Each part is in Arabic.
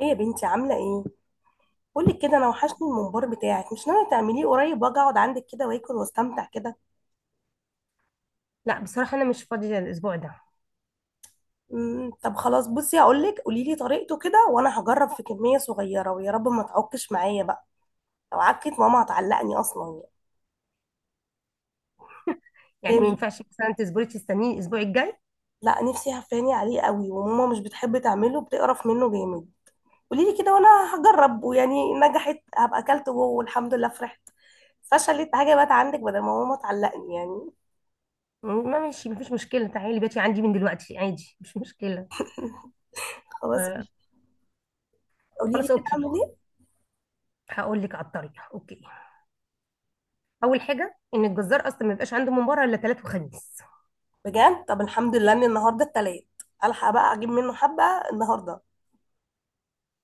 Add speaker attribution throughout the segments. Speaker 1: ايه يا بنتي عامله ايه؟ قولي كده انا وحشني الممبار بتاعك، مش ناويه تعمليه قريب واجي اقعد عندك كده واكل واستمتع كده؟
Speaker 2: لا، بصراحة أنا مش فاضية الأسبوع ده.
Speaker 1: طب خلاص، بصي هقول لك، قولي لي طريقته كده وانا هجرب في كميه صغيره ويا رب ما تعكش معايا بقى. لو عكت ماما هتعلقني اصلا يعني.
Speaker 2: يعني
Speaker 1: إيه
Speaker 2: ما
Speaker 1: مش...
Speaker 2: ينفعش مثلا تصبري تستنيني الأسبوع الجاي؟
Speaker 1: لا، نفسي هفاني عليه قوي، وماما مش بتحب تعمله، بتقرف منه جامد. قولي لي كده وانا هجرب، ويعني نجحت هبقى اكلته جوه والحمد لله فرحت. فشلت حاجه بقت عندك بدل ما ماما تعلقني يعني.
Speaker 2: ما ماشي، مفيش مشكلة، تعالي بيتي عندي من دلوقتي عادي، مش مشكلة.
Speaker 1: خلاص،
Speaker 2: آه،
Speaker 1: قولي لي
Speaker 2: خلاص
Speaker 1: كده
Speaker 2: أوكي.
Speaker 1: اعمل ايه.
Speaker 2: هقول لك على الطريقة، أوكي. أول حاجة إن الجزار أصلا ما يبقاش عنده مباراة إلا تلات وخميس.
Speaker 1: بجد؟ طب الحمد لله ان النهارده التلات، الحق بقى اجيب منه حبه النهارده.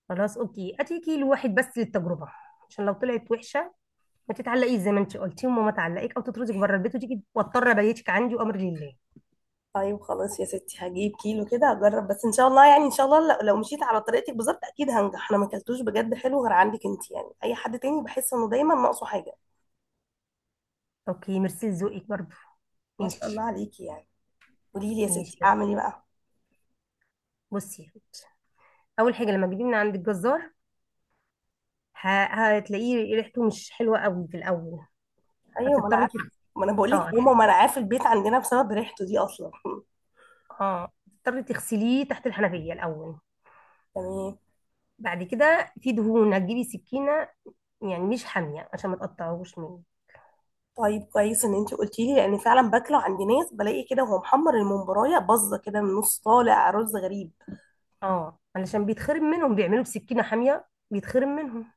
Speaker 2: خلاص أوكي، هاتي كيلو واحد بس للتجربة، عشان لو طلعت وحشة ما تتعلقيش زي ما انت قلتي وماما تعلقك او تطردك بره البيت وتيجي واضطر ابيتك عندي وامر لله.
Speaker 1: طيب خلاص يا ستي، هجيب كيلو كده هجرب، بس ان شاء الله يعني، ان شاء الله لو مشيت على طريقتك بالظبط اكيد هنجح. انا ما اكلتوش بجد حلو غير عندك انت يعني، اي حد تاني بحس انه دايما ناقصه حاجه.
Speaker 2: اوكي، ميرسي لذوقك برضه.
Speaker 1: ما شاء الله
Speaker 2: ماشي.
Speaker 1: عليكي يعني. قولي لي يا
Speaker 2: ماشي
Speaker 1: ستي
Speaker 2: يا روحي.
Speaker 1: اعمل ايه بقى.
Speaker 2: بصي يا روحي. اول حاجه لما تجيبي من عند الجزار، هتلاقيه ريحته مش حلوه قوي في الاول.
Speaker 1: ايوه، ما انا
Speaker 2: هتضطري
Speaker 1: عارفه،
Speaker 2: تغ-
Speaker 1: ما انا بقول لك
Speaker 2: اه
Speaker 1: ماما،
Speaker 2: هت-
Speaker 1: ما انا عارفه البيت عندنا بسبب ريحته دي اصلا.
Speaker 2: اه هتضطري تغسليه تحت الحنفيه الاول.
Speaker 1: تمام.
Speaker 2: بعد كده في دهون، هتجيبي سكينه، يعني مش حاميه عشان ما تقطعهوش مني.
Speaker 1: طيب كويس ان انت قلتي لي، لان فعلا باكله عند ناس بلاقي كده، وهو محمر الممبرايه باظه كده من نص، طالع رز غريب.
Speaker 2: اه، علشان بيتخرم منهم، بيعملوا بسكينه حاميه بيتخرم منهم.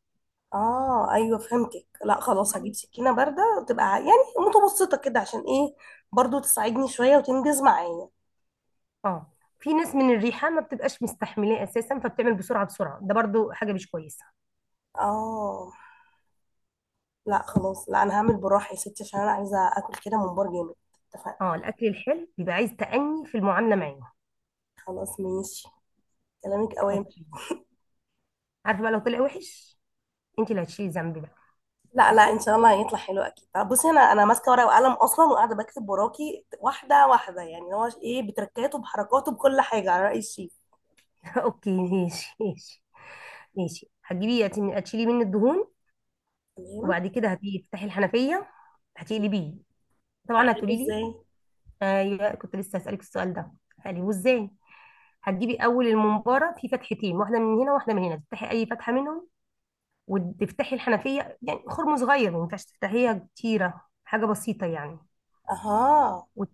Speaker 1: اه ايوه فهمتك، لا خلاص هجيب سكينه بارده وتبقى يعني متوسطه كده، عشان ايه؟ برضو تساعدني شويه وتنجز معايا.
Speaker 2: اه، في ناس من الريحه ما بتبقاش مستحملاه اساسا، فبتعمل بسرعه بسرعه، ده برضو حاجه مش كويسه.
Speaker 1: اه. لا خلاص، لا انا هعمل بالراحه يا ستي، عشان انا عايزه اكل كده ممبار جامد. اتفقنا.
Speaker 2: اه، الاكل الحلو بيبقى عايز تأني في المعامله معاه.
Speaker 1: خلاص ماشي، كلامك اوامر.
Speaker 2: اوكي. عارفه بقى لو طلع وحش انت اللي هتشيلي ذنبي بقى.
Speaker 1: لا،
Speaker 2: ماشي.
Speaker 1: ان شاء الله هيطلع حلو اكيد. طب بصي، انا ماسكه ورقه وقلم اصلا، وقاعده بكتب وراكي واحده واحده يعني، هو ايه، بتركاته بحركاته بكل حاجه على راي الشيف.
Speaker 2: اوكي، ماشي ماشي. ماشي، هتشيلي مني الدهون.
Speaker 1: تمام،
Speaker 2: وبعد كده هتيجي تفتحي الحنفيه، هتقلبيه. طبعا
Speaker 1: اعمله
Speaker 2: هتقولي لي،
Speaker 1: ازاي؟
Speaker 2: ايوه كنت لسه هسألك السؤال ده، هقلبه ازاي؟ هتجيبي اول الممبار في فتحتين، واحده من هنا واحده من هنا، تفتحي اي فتحه منهم وتفتحي الحنفيه، يعني خرم صغير، ما ينفعش تفتحيها كتيره، حاجه بسيطه يعني.
Speaker 1: اها،
Speaker 2: وت...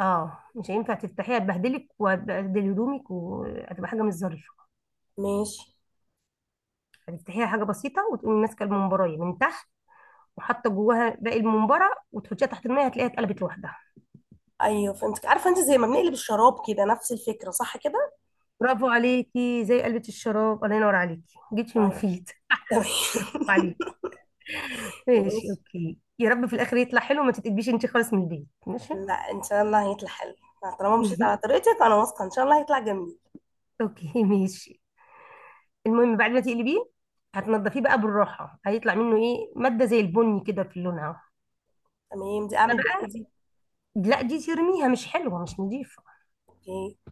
Speaker 2: اه، مش هينفع تفتحيها، تبهدلك وتبهدل هدومك وهتبقى حاجه مش ظريفه.
Speaker 1: ماشي.
Speaker 2: هتفتحيها حاجه بسيطه، وتقومي ماسكه الممبرايه من تحت وحاطه جواها باقي الممبره وتحطيها تحت الميه، هتلاقيها اتقلبت لوحدها.
Speaker 1: ايوه فهمتك، عارفه انت زي ما بنقلب الشراب كده، نفس الفكره صح كده.
Speaker 2: برافو عليكي، زي قلبة الشراب، الله ينور عليكي، جيتي
Speaker 1: طيب
Speaker 2: مفيد.
Speaker 1: تمام.
Speaker 2: برافو عليكي. ماشي
Speaker 1: ماشي.
Speaker 2: اوكي، يا رب في الاخر يطلع حلو، ما تتقلبيش انت خالص من البيت. ماشي.
Speaker 1: لا ان شاء الله هيطلع حلو. لا، طالما مشيت على طريقتك انا واثقه ان شاء الله هيطلع جميل.
Speaker 2: اوكي ماشي. المهم بعد ما تقلبيه هتنضفيه بقى بالراحه، هيطلع منه ايه ماده زي البني كده في لونها أهو.
Speaker 1: تمام، دي
Speaker 2: ده
Speaker 1: اعمل بيها
Speaker 2: بقى،
Speaker 1: ايدي؟
Speaker 2: لا دي ترميها مش حلوه مش نظيفه.
Speaker 1: اوكي.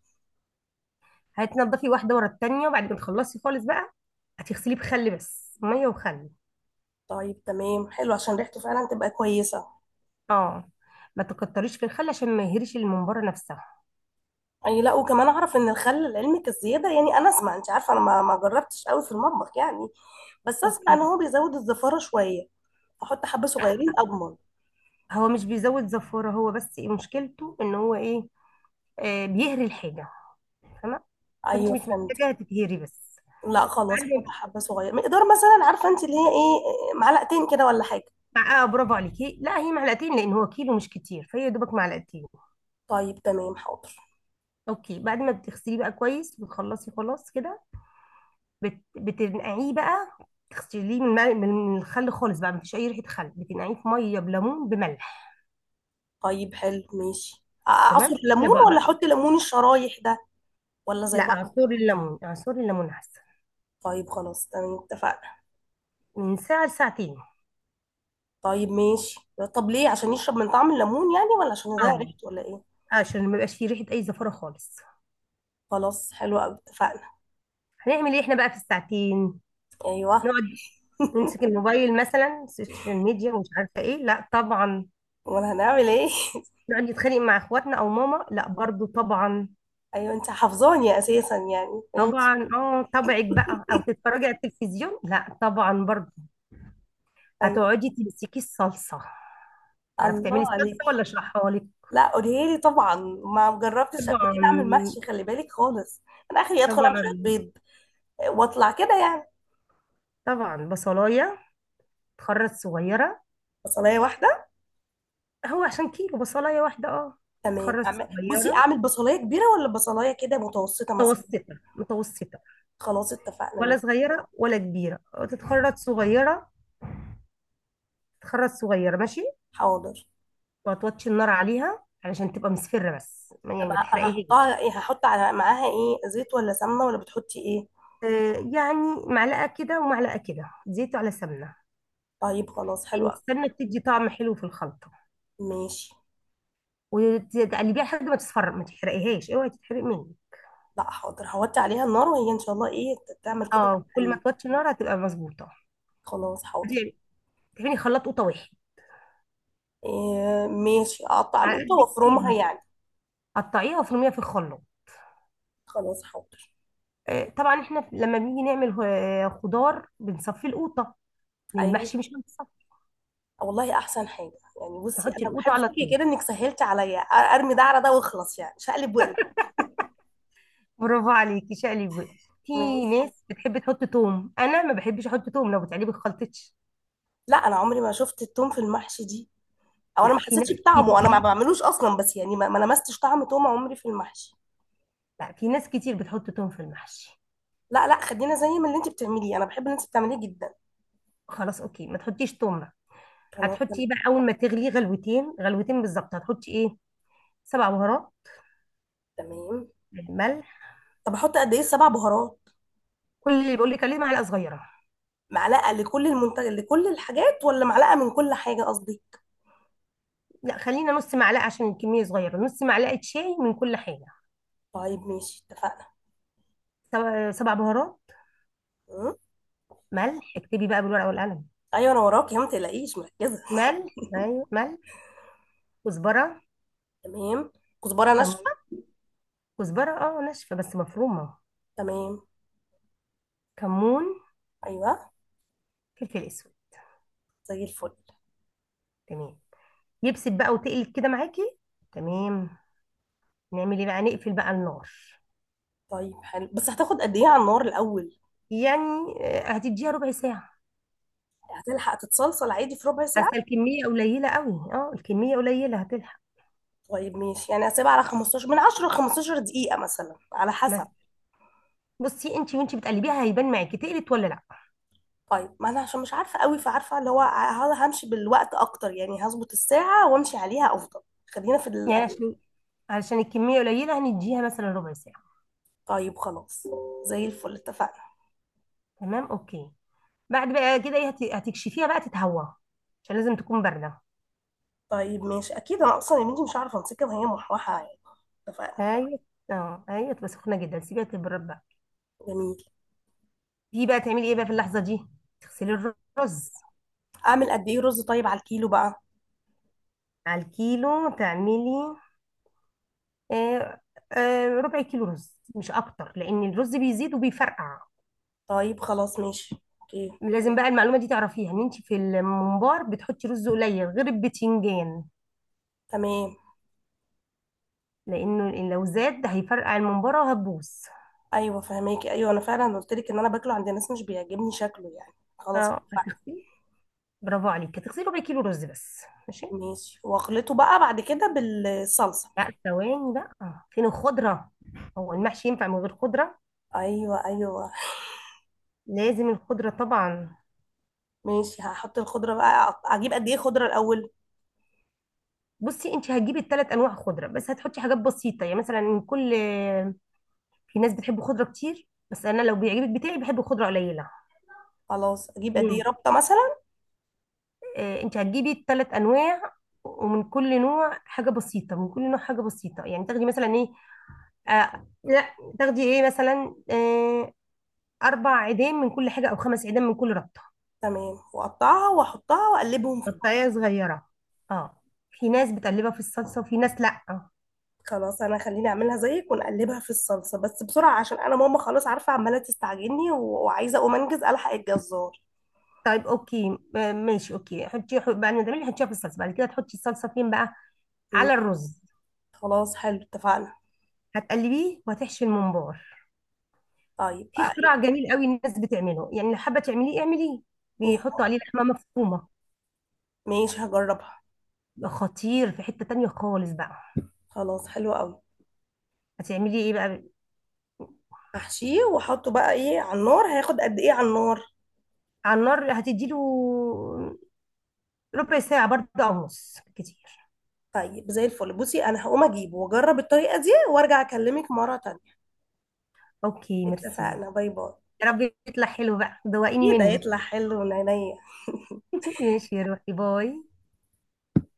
Speaker 2: هتنضفي واحده ورا التانيه، وبعد ما تخلصي خالص بقى هتغسليه بخل، بس ميه وخل.
Speaker 1: طيب تمام حلو، عشان ريحته فعلا تبقى كويسه.
Speaker 2: اه، ما تكتريش في الخل عشان ما يهريش الممبار نفسها.
Speaker 1: اي، لا وكمان اعرف ان الخل لعلمك الزياده يعني، انا اسمع، انت عارفه انا ما جربتش قوي في المطبخ يعني، بس اسمع ان
Speaker 2: اوكي.
Speaker 1: هو بيزود الزفاره شويه. احط حبه صغيرين اضمن.
Speaker 2: هو مش بيزود زفاره، هو بس إيه مشكلته؟ ان هو ايه؟ آه، بيهري الحاجه، فاهمه؟ فانت
Speaker 1: ايوه
Speaker 2: مش
Speaker 1: فهمت.
Speaker 2: محتاجه تتهري بس.
Speaker 1: لا خلاص، احط
Speaker 2: بعد
Speaker 1: حبه صغيره مقدار مثلا، عارفه انت اللي هي ايه، معلقتين كده ولا حاجه؟
Speaker 2: مع اه برافو عليكي، لا هي معلقتين لان هو كيلو مش كتير فهي يا دوبك معلقتين.
Speaker 1: طيب تمام حاضر.
Speaker 2: اوكي، بعد ما بتغسليه بقى كويس وتخلصي خلاص كده بتنقعيه بقى. تغسليه من، من الخل خالص بقى مفيش اي ريحه خل، بتنقعيه في ميه بليمون بملح.
Speaker 1: طيب حلو ماشي، اعصر
Speaker 2: تمام.
Speaker 1: ليمون
Speaker 2: طبق
Speaker 1: ولا
Speaker 2: بقى.
Speaker 1: احط ليمون الشرايح ده ولا
Speaker 2: لا،
Speaker 1: زي بعض؟
Speaker 2: عصير الليمون، عصير الليمون احسن.
Speaker 1: طيب خلاص تمام اتفقنا.
Speaker 2: من ساعه لساعتين.
Speaker 1: طيب ماشي. طب ليه؟ عشان يشرب من طعم الليمون يعني، ولا عشان يضيع
Speaker 2: اه،
Speaker 1: ريحته ولا ايه؟
Speaker 2: عشان ما يبقاش فيه ريحه اي زفاره خالص.
Speaker 1: خلاص حلو قوي اتفقنا.
Speaker 2: هنعمل ايه احنا بقى في الساعتين؟
Speaker 1: ايوه.
Speaker 2: نقعد نمسك الموبايل مثلا، السوشيال ميديا ومش عارفه ايه؟ لا طبعا.
Speaker 1: امال هنعمل ايه؟
Speaker 2: نقعد نتخانق مع اخواتنا او ماما؟ لا برضو طبعا.
Speaker 1: ايوه انت حافظاني اساسا يعني، ماشي.
Speaker 2: طبعا، اه طبعك بقى، او تتفرجي على التلفزيون؟ لا طبعا برضو.
Speaker 1: ايوه.
Speaker 2: هتقعدي تمسكي الصلصه. تعرفي تعملي
Speaker 1: الله
Speaker 2: الصلصه
Speaker 1: عليك.
Speaker 2: ولا اشرحها لك؟
Speaker 1: لا قولي لي طبعا، ما جربتش قبل كده اعمل
Speaker 2: طبعا.
Speaker 1: محشي، خلي بالك خالص. انا اخري ادخل اعمل
Speaker 2: طبعا.
Speaker 1: شويه بيض واطلع كده يعني.
Speaker 2: طبعا. بصلايه تخرط صغيره.
Speaker 1: بصلايه واحده؟
Speaker 2: هو عشان كيلو بصلايه واحده، اه.
Speaker 1: تمام،
Speaker 2: تتخرط
Speaker 1: بصي
Speaker 2: صغيره.
Speaker 1: اعمل بصلايه كبيره ولا بصلايه كده متوسطه مثلا؟
Speaker 2: متوسطه متوسطه.
Speaker 1: خلاص اتفقنا
Speaker 2: ولا
Speaker 1: مين.
Speaker 2: صغيره ولا كبيره. تتخرط صغيره. تتخرط صغيره، ماشي.
Speaker 1: حاضر.
Speaker 2: وهتوطي النار عليها علشان تبقى مصفرة، بس يعني
Speaker 1: طب
Speaker 2: ما تحرقيهاش.
Speaker 1: هحطها ايه، هحط على معاها ايه، زيت ولا سمنه ولا بتحطي ايه؟
Speaker 2: يعني معلقة كده ومعلقة كده، زيت على سمنة.
Speaker 1: طيب خلاص،
Speaker 2: لأن
Speaker 1: حلوه أوي.
Speaker 2: السمنة بتدي طعم حلو في الخلطة.
Speaker 1: ماشي.
Speaker 2: وتقلبيها لحد ما تصفر، ما تحرقيهاش، اوعي تتحرق مني.
Speaker 1: لا حاضر، هوطي عليها النار وهي ان شاء الله ايه تعمل كده
Speaker 2: اه، كل ما
Speaker 1: يعني.
Speaker 2: توطي النار هتبقى مظبوطة.
Speaker 1: خلاص حاضر.
Speaker 2: تعملي خلاط قوطة واحد.
Speaker 1: إيه؟ ماشي، اقطع
Speaker 2: على
Speaker 1: القوطه
Speaker 2: قد كتير.
Speaker 1: وافرمها يعني.
Speaker 2: قطعيها وفرميها في الخلاط.
Speaker 1: خلاص حاضر.
Speaker 2: طبعا احنا لما بنيجي نعمل خضار بنصفي القوطة.
Speaker 1: ايوه،
Speaker 2: للمحشي مش هنصفي،
Speaker 1: والله احسن حاجه. يعني بصي،
Speaker 2: تحطي
Speaker 1: انا
Speaker 2: القوطة
Speaker 1: بحب
Speaker 2: على
Speaker 1: فيكي
Speaker 2: طول.
Speaker 1: كده انك سهلت عليا ارمي ده على ده واخلص يعني، شقلب وقلب.
Speaker 2: برافو عليكي، شقلي بقى. في
Speaker 1: ماشي.
Speaker 2: ناس بتحب تحط توم، انا ما بحبش احط توم لو بتقلبي الخلطة.
Speaker 1: لا انا عمري ما شفت التوم في المحشي دي، او انا
Speaker 2: لا،
Speaker 1: ما
Speaker 2: في
Speaker 1: حسيتش
Speaker 2: ناس
Speaker 1: بطعمه، انا ما
Speaker 2: كتير.
Speaker 1: بعملوش اصلا بس يعني، ما لمستش طعم توم عمري في المحشي.
Speaker 2: لا، في ناس كتير بتحط توم في المحشي.
Speaker 1: لا لا، خلينا زي ما اللي انت بتعمليه، انا بحب اللي انت بتعمليه جدا.
Speaker 2: خلاص اوكي، ما تحطيش توم بقى.
Speaker 1: خلاص.
Speaker 2: هتحطي ايه بقى اول ما تغليه غلوتين غلوتين بالظبط؟ هتحطي ايه؟ سبع بهارات،
Speaker 1: تمام.
Speaker 2: ملح.
Speaker 1: طب احط قد ايه سبع بهارات؟
Speaker 2: كل اللي بقول لك عليه معلقه صغيره.
Speaker 1: معلقه لكل المنتج لكل الحاجات، ولا معلقه من كل حاجه قصدي؟
Speaker 2: لا، خلينا نص معلقه عشان الكميه صغيره، نص معلقه شاي من كل حاجه.
Speaker 1: طيب ماشي اتفقنا.
Speaker 2: سبع بهارات،
Speaker 1: م؟
Speaker 2: ملح. اكتبي بقى بالورقه والقلم.
Speaker 1: ايوه انا وراك يا ما تقلقيش، مركزه.
Speaker 2: ملح، ايوه ملح، كزبره،
Speaker 1: تمام. كزبره
Speaker 2: كمون.
Speaker 1: ناشفه.
Speaker 2: كزبره اه ناشفه بس مفرومه.
Speaker 1: تمام.
Speaker 2: كمون.
Speaker 1: ايوه.
Speaker 2: فلفل اسود.
Speaker 1: زي الفل.
Speaker 2: تمام. يبسط بقى وتقلب كده معاكي، تمام. نعمل ايه بقى؟ نقفل بقى النار.
Speaker 1: طيب حلو، بس هتاخد قد ايه على النار الاول؟
Speaker 2: يعني هتديها ربع ساعة.
Speaker 1: هتلحق تتصلصل عادي في ربع ساعه؟
Speaker 2: اصل الكمية قليلة قوي، اه الكمية قليلة هتلحق.
Speaker 1: طيب ماشي، يعني هسيبها على 15 من 10 ل 15 دقيقه مثلا على حسب.
Speaker 2: بس بصي، انت وانت بتقلبيها هيبان معاكي تقلت ولا لا.
Speaker 1: طيب ما انا عشان مش عارفه قوي، فعارفه اللي هو همشي بالوقت اكتر يعني، هظبط الساعه وامشي عليها افضل. خلينا في
Speaker 2: يعني
Speaker 1: القليل.
Speaker 2: عشان الكمية قليلة هنديها مثلا ربع ساعة.
Speaker 1: طيب خلاص، زي الفل اتفقنا.
Speaker 2: تمام، اوكي. بعد بقى كده ايه هتكشفيها بقى تتهوى، عشان لازم تكون باردة.
Speaker 1: طيب ماشي، اكيد انا اصلا يا بنتي مش عارفه امسكها وهي محوحه يعني. اتفقنا.
Speaker 2: ايوه، اه ايوه، تبقى سخنة جدا، سيبيها تبرد بقى.
Speaker 1: جميل.
Speaker 2: دي بقى تعملي ايه بقى في اللحظة دي؟ تغسلي الرز.
Speaker 1: اعمل قد ايه رز طيب على الكيلو بقى؟
Speaker 2: على الكيلو تعملي آه، ربع كيلو رز مش اكتر، لان الرز بيزيد وبيفرقع.
Speaker 1: طيب خلاص ماشي. اوكي.
Speaker 2: لازم بقى المعلومه دي تعرفيها، ان انت في الممبار بتحطي رز قليل غير البتنجان.
Speaker 1: تمام.
Speaker 2: لانه إن لو زاد ده هيفرقع الممباره وهتبوظ.
Speaker 1: ايوه فهماكي، ايوه انا فعلا قلت لك ان انا باكله عند ناس مش بيعجبني شكله يعني، خلاص
Speaker 2: اه،
Speaker 1: اتفقنا.
Speaker 2: هتغسلي. برافو عليك، هتغسلي ربع كيلو رز بس. ماشي.
Speaker 1: ماشي، واخلطه بقى بعد كده بالصلصه.
Speaker 2: لا ثواني بقى، فين الخضره؟ هو المحشي ينفع من غير خضره؟
Speaker 1: ايوه ايوه.
Speaker 2: لازم الخضره طبعا.
Speaker 1: ماشي، هحط الخضره بقى، اجيب قد ايه خضره الاول؟
Speaker 2: بصي، انت هتجيبي الثلاث انواع خضره، بس هتحطي حاجات بسيطه يعني مثلا كل. في ناس بتحب خضره كتير، بس انا لو بيعجبك بتاعي بحب خضره قليله.
Speaker 1: خلاص، اجيب قد ايه
Speaker 2: امم
Speaker 1: ربطه مثلا؟
Speaker 2: آه انت هتجيبي الثلاث انواع، ومن كل نوع حاجه بسيطه، من كل نوع حاجه بسيطه يعني تاخدي مثلا ايه؟ لا، تاخدي ايه مثلا؟ اربع عيدان من كل حاجه او خمس عيدان من كل ربطه.
Speaker 1: تمام، واقطعها واحطها واقلبهم في بعض.
Speaker 2: قطعيه صغيره. اه، في ناس بتقلبها في الصلصه وفي ناس لا.
Speaker 1: خلاص، انا خليني اعملها زيك ونقلبها في الصلصه بس بسرعه، عشان انا ماما خلاص عارفه عماله تستعجلني وعايزه اقوم انجز الحق الجزار.
Speaker 2: طيب اوكي، ماشي اوكي. حطي بعد ما تعملي حطيها في الصلصه، بعد كده تحطي الصلصه فين بقى؟
Speaker 1: مم.
Speaker 2: على الرز.
Speaker 1: خلاص حلو اتفقنا.
Speaker 2: هتقلبيه وهتحشي الممبار.
Speaker 1: طيب
Speaker 2: في
Speaker 1: آه، ايه.
Speaker 2: اختراع جميل قوي الناس بتعمله، يعني لو حابه تعمليه اعمليه،
Speaker 1: إيه؟
Speaker 2: بيحطوا عليه لحمه مفرومه،
Speaker 1: ماشي هجربها.
Speaker 2: بيبقى خطير في حته تانية خالص بقى.
Speaker 1: خلاص حلو قوي.
Speaker 2: هتعملي ايه بقى
Speaker 1: احشيه واحطه بقى ايه على النار، هياخد قد ايه على النار؟
Speaker 2: على النار؟ هتديله ربع ساعه برضه او نص كتير.
Speaker 1: طيب زي الفل، بصي انا هقوم اجيبه واجرب الطريقه دي وارجع اكلمك مره تانية.
Speaker 2: اوكي، ميرسي.
Speaker 1: اتفقنا، باي باي.
Speaker 2: يا رب يطلع حلو بقى، دوقيني
Speaker 1: اكيد
Speaker 2: منه.
Speaker 1: هيطلع حلو ونينيا.
Speaker 2: ماشي يا روحي، باي.